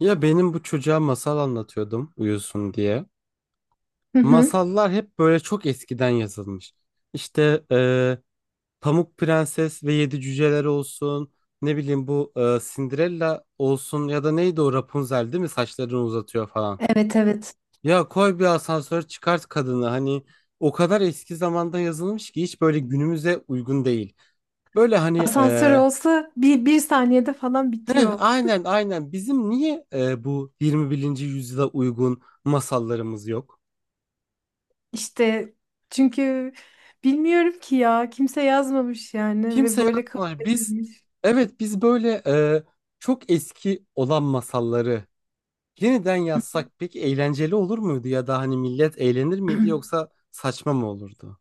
Ya benim bu çocuğa masal anlatıyordum uyusun diye. Hı hı. Masallar hep böyle çok eskiden yazılmış. İşte Pamuk Prenses ve Yedi Cüceler olsun. Ne bileyim bu Cinderella olsun ya da neydi o Rapunzel, değil mi? Saçlarını uzatıyor falan. Evet evet. Ya koy bir asansör, çıkart kadını. Hani o kadar eski zamanda yazılmış ki hiç böyle günümüze uygun değil. Böyle hani Asansör olsa bir saniyede falan heh, bitiyor. aynen aynen bizim niye bu 21. yüzyıla uygun masallarımız yok? İşte çünkü bilmiyorum ki ya kimse yazmamış yani ve Kimse böyle kabul yazmıyor. Biz, edilmiş. evet, biz böyle çok eski olan masalları yeniden yazsak peki eğlenceli olur muydu ya da hani millet eğlenir miydi yoksa saçma mı olurdu?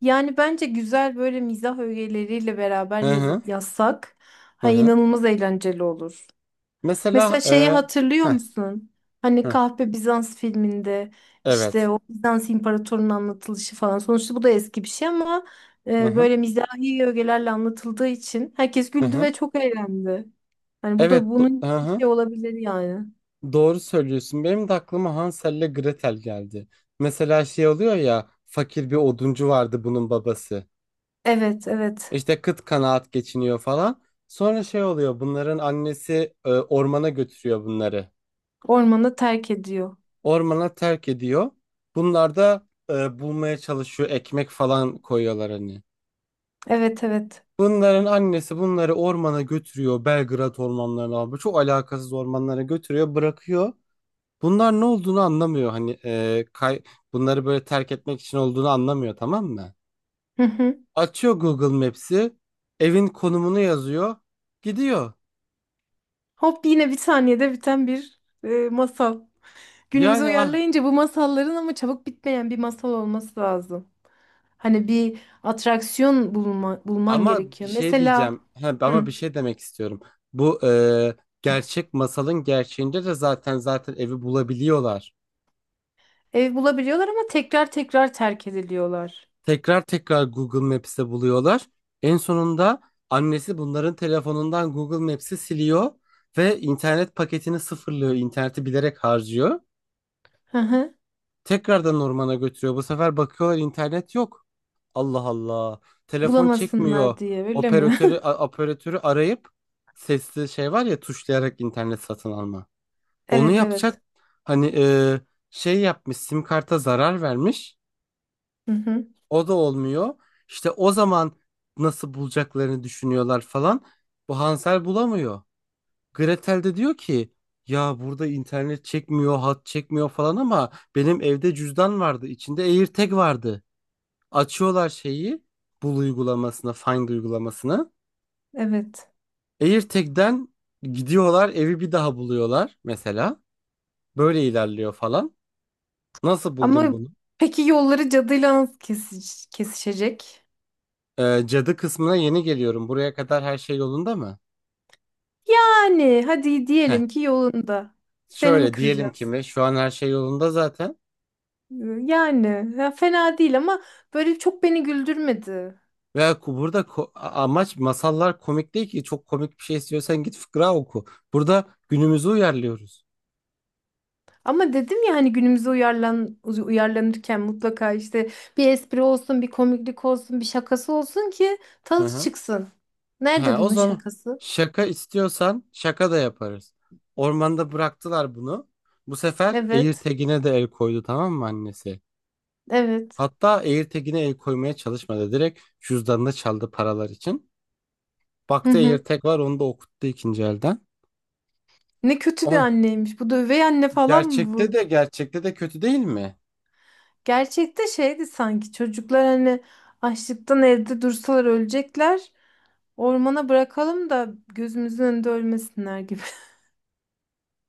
Yani bence güzel böyle mizah öğeleriyle beraber Hı hı, yazsak hı ha, hı. inanılmaz eğlenceli olur. Mesela Mesela şeyi hatırlıyor heh, musun? Hani heh, Kahpe Bizans filminde işte evet. o Bizans imparatorunun anlatılışı falan. Sonuçta bu da eski bir şey ama Hı hı, böyle mizahi ögelerle anlatıldığı için herkes hı güldü hı. ve çok eğlendi. Hani bu da Evet, bunun hı gibi bir hı. şey olabilir yani. Doğru söylüyorsun. Benim de aklıma Hansel'le Gretel geldi. Mesela şey oluyor ya, fakir bir oduncu vardı bunun babası. Evet, evet. İşte kıt kanaat geçiniyor falan. Sonra şey oluyor, bunların annesi ormana götürüyor bunları. Ormanı terk ediyor. Ormana terk ediyor. Bunlar da bulmaya çalışıyor, ekmek falan koyuyorlar hani. Evet, evet. Bunların annesi bunları ormana götürüyor. Belgrad ormanlarına abi, çok alakasız ormanlara götürüyor bırakıyor. Bunlar ne olduğunu anlamıyor hani, e, kay bunları böyle terk etmek için olduğunu anlamıyor, tamam mı? Hı hı. Açıyor Google Maps'i, evin konumunu yazıyor, gidiyor. Hop yine bir saniyede biten bir masal. Günümüze Yani. uyarlayınca bu masalların ama çabuk bitmeyen bir masal olması lazım. Hani bir bulman Ama bir gerekiyor. şey Mesela diyeceğim. He, ama hı, bir şey demek istiyorum. Bu gerçek masalın gerçeğinde de zaten zaten evi bulabiliyorlar. ev bulabiliyorlar ama tekrar tekrar terk ediliyorlar. Tekrar tekrar Google Maps'te buluyorlar. En sonunda annesi bunların telefonundan Google Maps'i siliyor ve internet paketini sıfırlıyor. İnterneti bilerek harcıyor. Hı hı. Tekrardan ormana götürüyor. Bu sefer bakıyorlar, internet yok. Allah Allah. Telefon çekmiyor. Bulamasınlar diye öyle mi? Operatörü arayıp, sesli şey var ya, tuşlayarak internet satın alma. Onu Evet yapacak evet. hani, şey yapmış, sim karta zarar vermiş. Hı hı. O da olmuyor. İşte o zaman nasıl bulacaklarını düşünüyorlar falan. Bu Hansel bulamıyor. Gretel de diyor ki ya, burada internet çekmiyor, hat çekmiyor falan ama benim evde cüzdan vardı. İçinde AirTag vardı. Açıyorlar şeyi, bul uygulamasını, Find uygulamasını. Evet. AirTag'den gidiyorlar, evi bir daha buluyorlar mesela. Böyle ilerliyor falan. Nasıl buldun Ama bunu? peki yolları cadıyla nasıl kesişecek? Cadı kısmına yeni geliyorum. Buraya kadar her şey yolunda mı? Yani hadi Heh. diyelim ki yolunda. Seni mi Şöyle diyelim ki kıracağız? mi? Şu an her şey yolunda zaten. Ee, Yani ya fena değil ama böyle çok beni güldürmedi. Ve burada amaç, masallar komik değil ki. Çok komik bir şey istiyorsan git fıkra oku. Burada günümüzü uyarlıyoruz. Ama dedim ya hani günümüze uyarlanırken mutlaka işte bir espri olsun, bir komiklik olsun, bir şakası olsun ki Hı tadı hı. çıksın. Nerede Ha, o bunun zaman şakası? şaka istiyorsan şaka da yaparız. Ormanda bıraktılar bunu. Bu sefer Evet, Eğirtegin'e de el koydu, tamam mı annesi? evet. Hatta Eğirtegin'e el koymaya çalışmadı. Direkt cüzdanını çaldı paralar için. Hı Baktı hı. AirTag var, onu da okuttu ikinci elden. Ne kötü bir O anneymiş. Bu da üvey anne falan mı gerçekte bu? de gerçekte de kötü değil mi? Gerçekte şeydi sanki çocuklar hani açlıktan evde dursalar ölecekler. Ormana bırakalım da gözümüzün önünde ölmesinler gibi.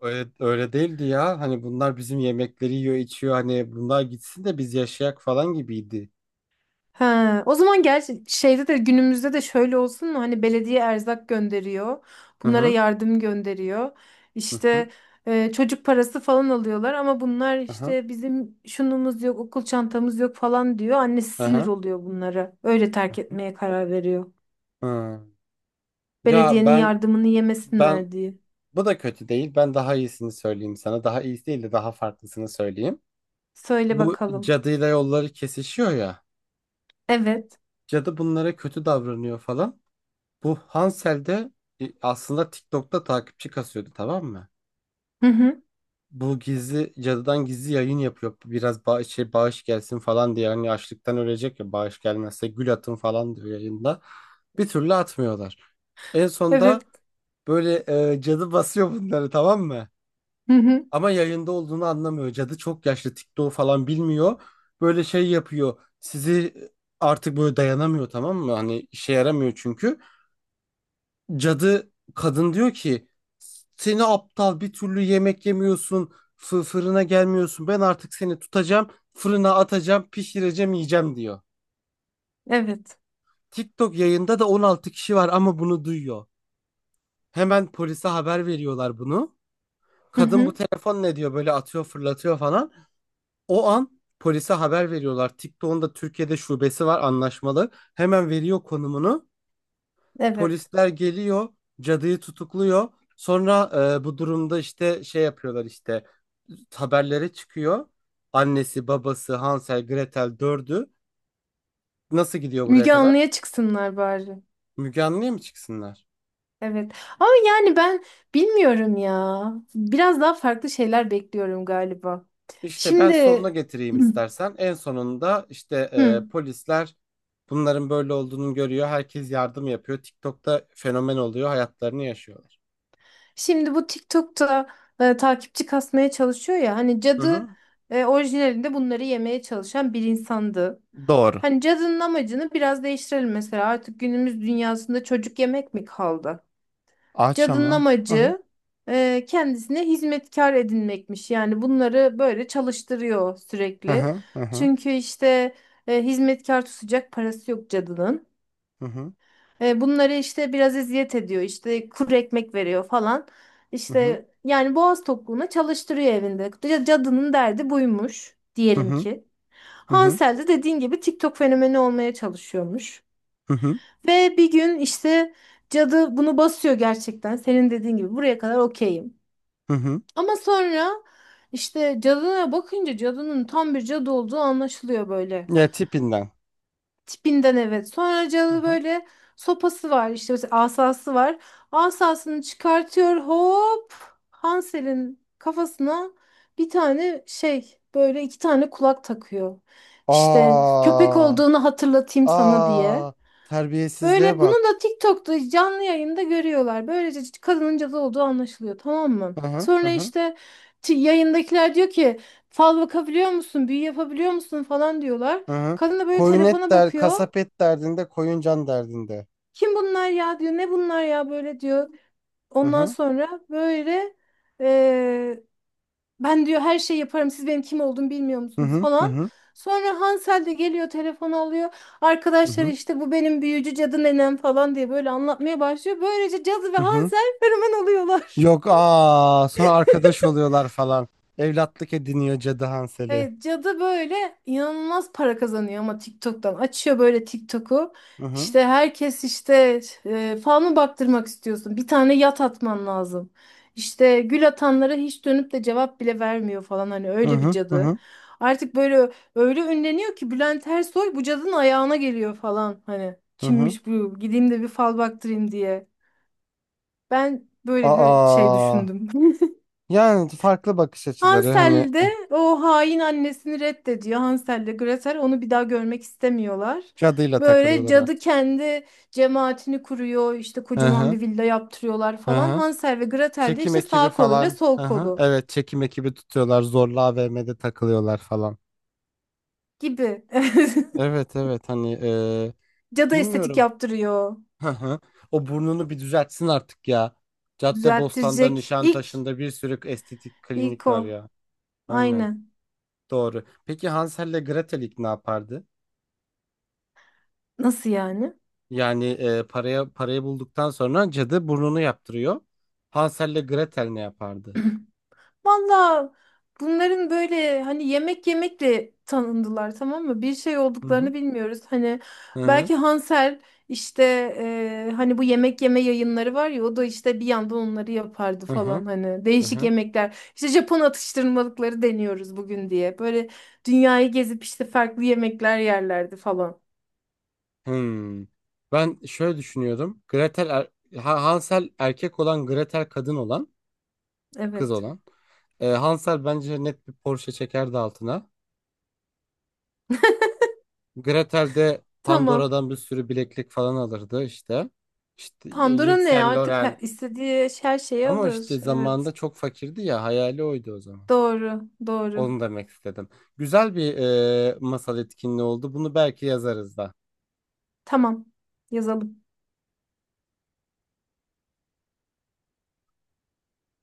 Öyle, öyle değildi ya. Hani bunlar bizim yemekleri yiyor, içiyor. Hani bunlar gitsin de biz yaşayak falan gibiydi. Ha, o zaman gerçi şeyde de günümüzde de şöyle olsun mu? Hani belediye erzak gönderiyor. Hı Bunlara hı, yardım gönderiyor. hı hı, İşte çocuk parası falan alıyorlar ama bunlar hı hı, işte bizim şunumuz yok, okul çantamız yok falan diyor. Annesi hı sinir hı, oluyor bunlara. Öyle hı terk hı. etmeye karar veriyor. Hı. Ya, Belediyenin ben yardımını ben yemesinler diye. bu da kötü değil. Ben daha iyisini söyleyeyim sana. Daha iyisi değil de daha farklısını söyleyeyim. Söyle Bu bakalım. cadıyla yolları kesişiyor ya. Evet. Cadı bunlara kötü davranıyor falan. Bu Hansel de aslında TikTok'ta takipçi kasıyordu, tamam mı? Hı hı. Bu gizli cadıdan gizli yayın yapıyor. Biraz bağış, şey, bağış gelsin falan diye. Hani açlıktan ölecek ya, bağış gelmezse gül atın falan diyor yayında. Bir türlü atmıyorlar. En Evet. sonunda böyle cadı basıyor bunları, tamam mı? Hı hı. Ama yayında olduğunu anlamıyor. Cadı çok yaşlı, TikTok falan bilmiyor. Böyle şey yapıyor. Artık böyle dayanamıyor, tamam mı? Hani işe yaramıyor çünkü. Cadı kadın diyor ki seni aptal, bir türlü yemek yemiyorsun, fırına gelmiyorsun, ben artık seni tutacağım, fırına atacağım, pişireceğim, yiyeceğim diyor. Evet. TikTok yayında da 16 kişi var ama bunu duyuyor. Hemen polise haber veriyorlar bunu. Hı Kadın bu hı. telefon ne diyor böyle, atıyor, fırlatıyor falan. O an polise haber veriyorlar. TikTok'un da Türkiye'de şubesi var anlaşmalı. Hemen veriyor konumunu. Evet. Polisler geliyor, cadıyı tutukluyor. Sonra bu durumda işte şey yapıyorlar, işte haberlere çıkıyor. Annesi, babası, Hansel, Gretel dördü. Nasıl gidiyor buraya Müge kadar? Anlı'ya çıksınlar bari. Müge Anlı'ya mı çıksınlar? Evet. Ama yani ben bilmiyorum ya. Biraz daha farklı şeyler bekliyorum galiba. İşte ben Şimdi sonuna getireyim istersen. En sonunda işte Hı. Polisler bunların böyle olduğunu görüyor. Herkes yardım yapıyor. TikTok'ta fenomen oluyor. Hayatlarını yaşıyorlar. Şimdi bu TikTok'ta takipçi kasmaya çalışıyor ya. Hani Hı cadı hı. Orijinalinde bunları yemeye çalışan bir insandı. Doğru. Hani cadının amacını biraz değiştirelim mesela. Artık günümüz dünyasında çocuk yemek mi kaldı? Aç Cadının ama. Hı hı, amacı kendisine hizmetkar edinmekmiş. Yani bunları böyle çalıştırıyor hı sürekli. hı, hı hı, Çünkü işte hizmetkar tutacak parası yok cadının. hı hı, Bunları işte biraz eziyet ediyor. İşte kuru ekmek veriyor falan. hı hı, İşte yani boğaz tokluğuna çalıştırıyor evinde. Cadının derdi buymuş hı diyelim hı, ki. hı hı, Hansel de dediğin gibi TikTok fenomeni olmaya çalışıyormuş. hı hı, Ve bir gün işte cadı bunu basıyor gerçekten. Senin dediğin gibi buraya kadar okeyim. hı hı. Ama sonra işte cadına bakınca cadının tam bir cadı olduğu anlaşılıyor böyle. Ya tipinden. Tipinden evet. Sonra Hı cadı hı. böyle sopası var işte mesela asası var. Asasını çıkartıyor hop Hansel'in kafasına bir tane şey böyle iki tane kulak takıyor. İşte köpek Aa, olduğunu hatırlatayım sana diye. aa, terbiyesizliğe Böyle bunu bak. da TikTok'ta canlı yayında görüyorlar. Böylece kadının cadı olduğu anlaşılıyor, tamam mı? Hı hı, hı Sonra hı, işte yayındakiler diyor ki fal bakabiliyor musun, büyü yapabiliyor musun falan diyorlar. hı hı. Kadın da böyle Koyun et telefona der, bakıyor. kasap et derdinde, koyun can derdinde. Kim bunlar ya diyor, ne bunlar ya böyle diyor. Hı Ondan hı, sonra böyle ben diyor her şeyi yaparım. Siz benim kim olduğumu bilmiyor hı musunuz hı, hı falan. hı, Sonra Hansel de geliyor telefonu alıyor. hı Arkadaşlar hı, işte bu benim büyücü cadı nenem falan diye böyle anlatmaya başlıyor. Böylece cadı ve hı hı. Hansel fenomen oluyorlar. Yok aa, sonra arkadaş oluyorlar falan. Evlatlık ediniyor Cadı Hansel'i. Evet, cadı böyle inanılmaz para kazanıyor ama TikTok'tan. Açıyor böyle TikTok'u. Hı hı, İşte herkes işte fanı baktırmak istiyorsun. Bir tane yat atman lazım. İşte gül atanlara hiç dönüp de cevap bile vermiyor falan hani hı öyle bir hı, hı cadı. hı, Artık böyle öyle ünleniyor ki Bülent Ersoy bu cadının ayağına geliyor falan hani hı hı. kimmiş bu gideyim de bir fal baktırayım diye. Ben böyle bir şey Aa, düşündüm. yani farklı bakış açıları hani Hansel de o hain annesini reddediyor. Hansel de Gretel onu bir daha görmek istemiyorlar. cadıyla Böyle takılıyorlar cadı artık. kendi cemaatini kuruyor. İşte Hı kocaman hı, bir villa yaptırıyorlar hı falan. hı. Hansel ve Gretel de Çekim işte ekibi sağ koluyla falan. sol Hı hı. kolu Evet, çekim ekibi tutuyorlar. Zorla AVM'de takılıyorlar falan. gibi. Evet evet hani Cadı estetik bilmiyorum. yaptırıyor. Hı hı. O burnunu bir düzeltsin artık ya. Caddebostan'da, Düzelttirecek. Nişantaşı'nda bir sürü estetik klinik İlk var o. ya. Aynen. Aynen. Doğru. Peki Hansel'le Gretel ilk ne yapardı? Nasıl yani? Yani paraya parayı bulduktan sonra cadı burnunu yaptırıyor. Hansel'le Gretel ne yapardı? Valla bunların böyle hani yemek yemekle tanındılar tamam mı? Bir şey Hı hı, olduklarını bilmiyoruz. Hani hı hı, belki Hansel işte hani bu yemek yeme yayınları var ya o da işte bir yandan onları yapardı hı hı, falan hani hı değişik hı. yemekler. İşte Japon atıştırmalıkları deniyoruz bugün diye. Böyle dünyayı gezip işte farklı yemekler yerlerdi falan. Hmm. Ben şöyle düşünüyordum. Hansel erkek olan, Gretel kadın olan, kız Evet. olan. Hansel bence net bir Porsche çekerdi altına. Gretel de Tamam. Pandora'dan bir sürü bileklik falan alırdı işte. İşte Pandora Yves ne? Saint Artık her, Laurent. istediği her şeyi Ama işte alır. zamanında Evet. çok fakirdi ya, hayali oydu o zaman. Doğru. Doğru. Onu demek istedim. Güzel bir masal etkinliği oldu. Bunu belki yazarız da. Tamam. Yazalım.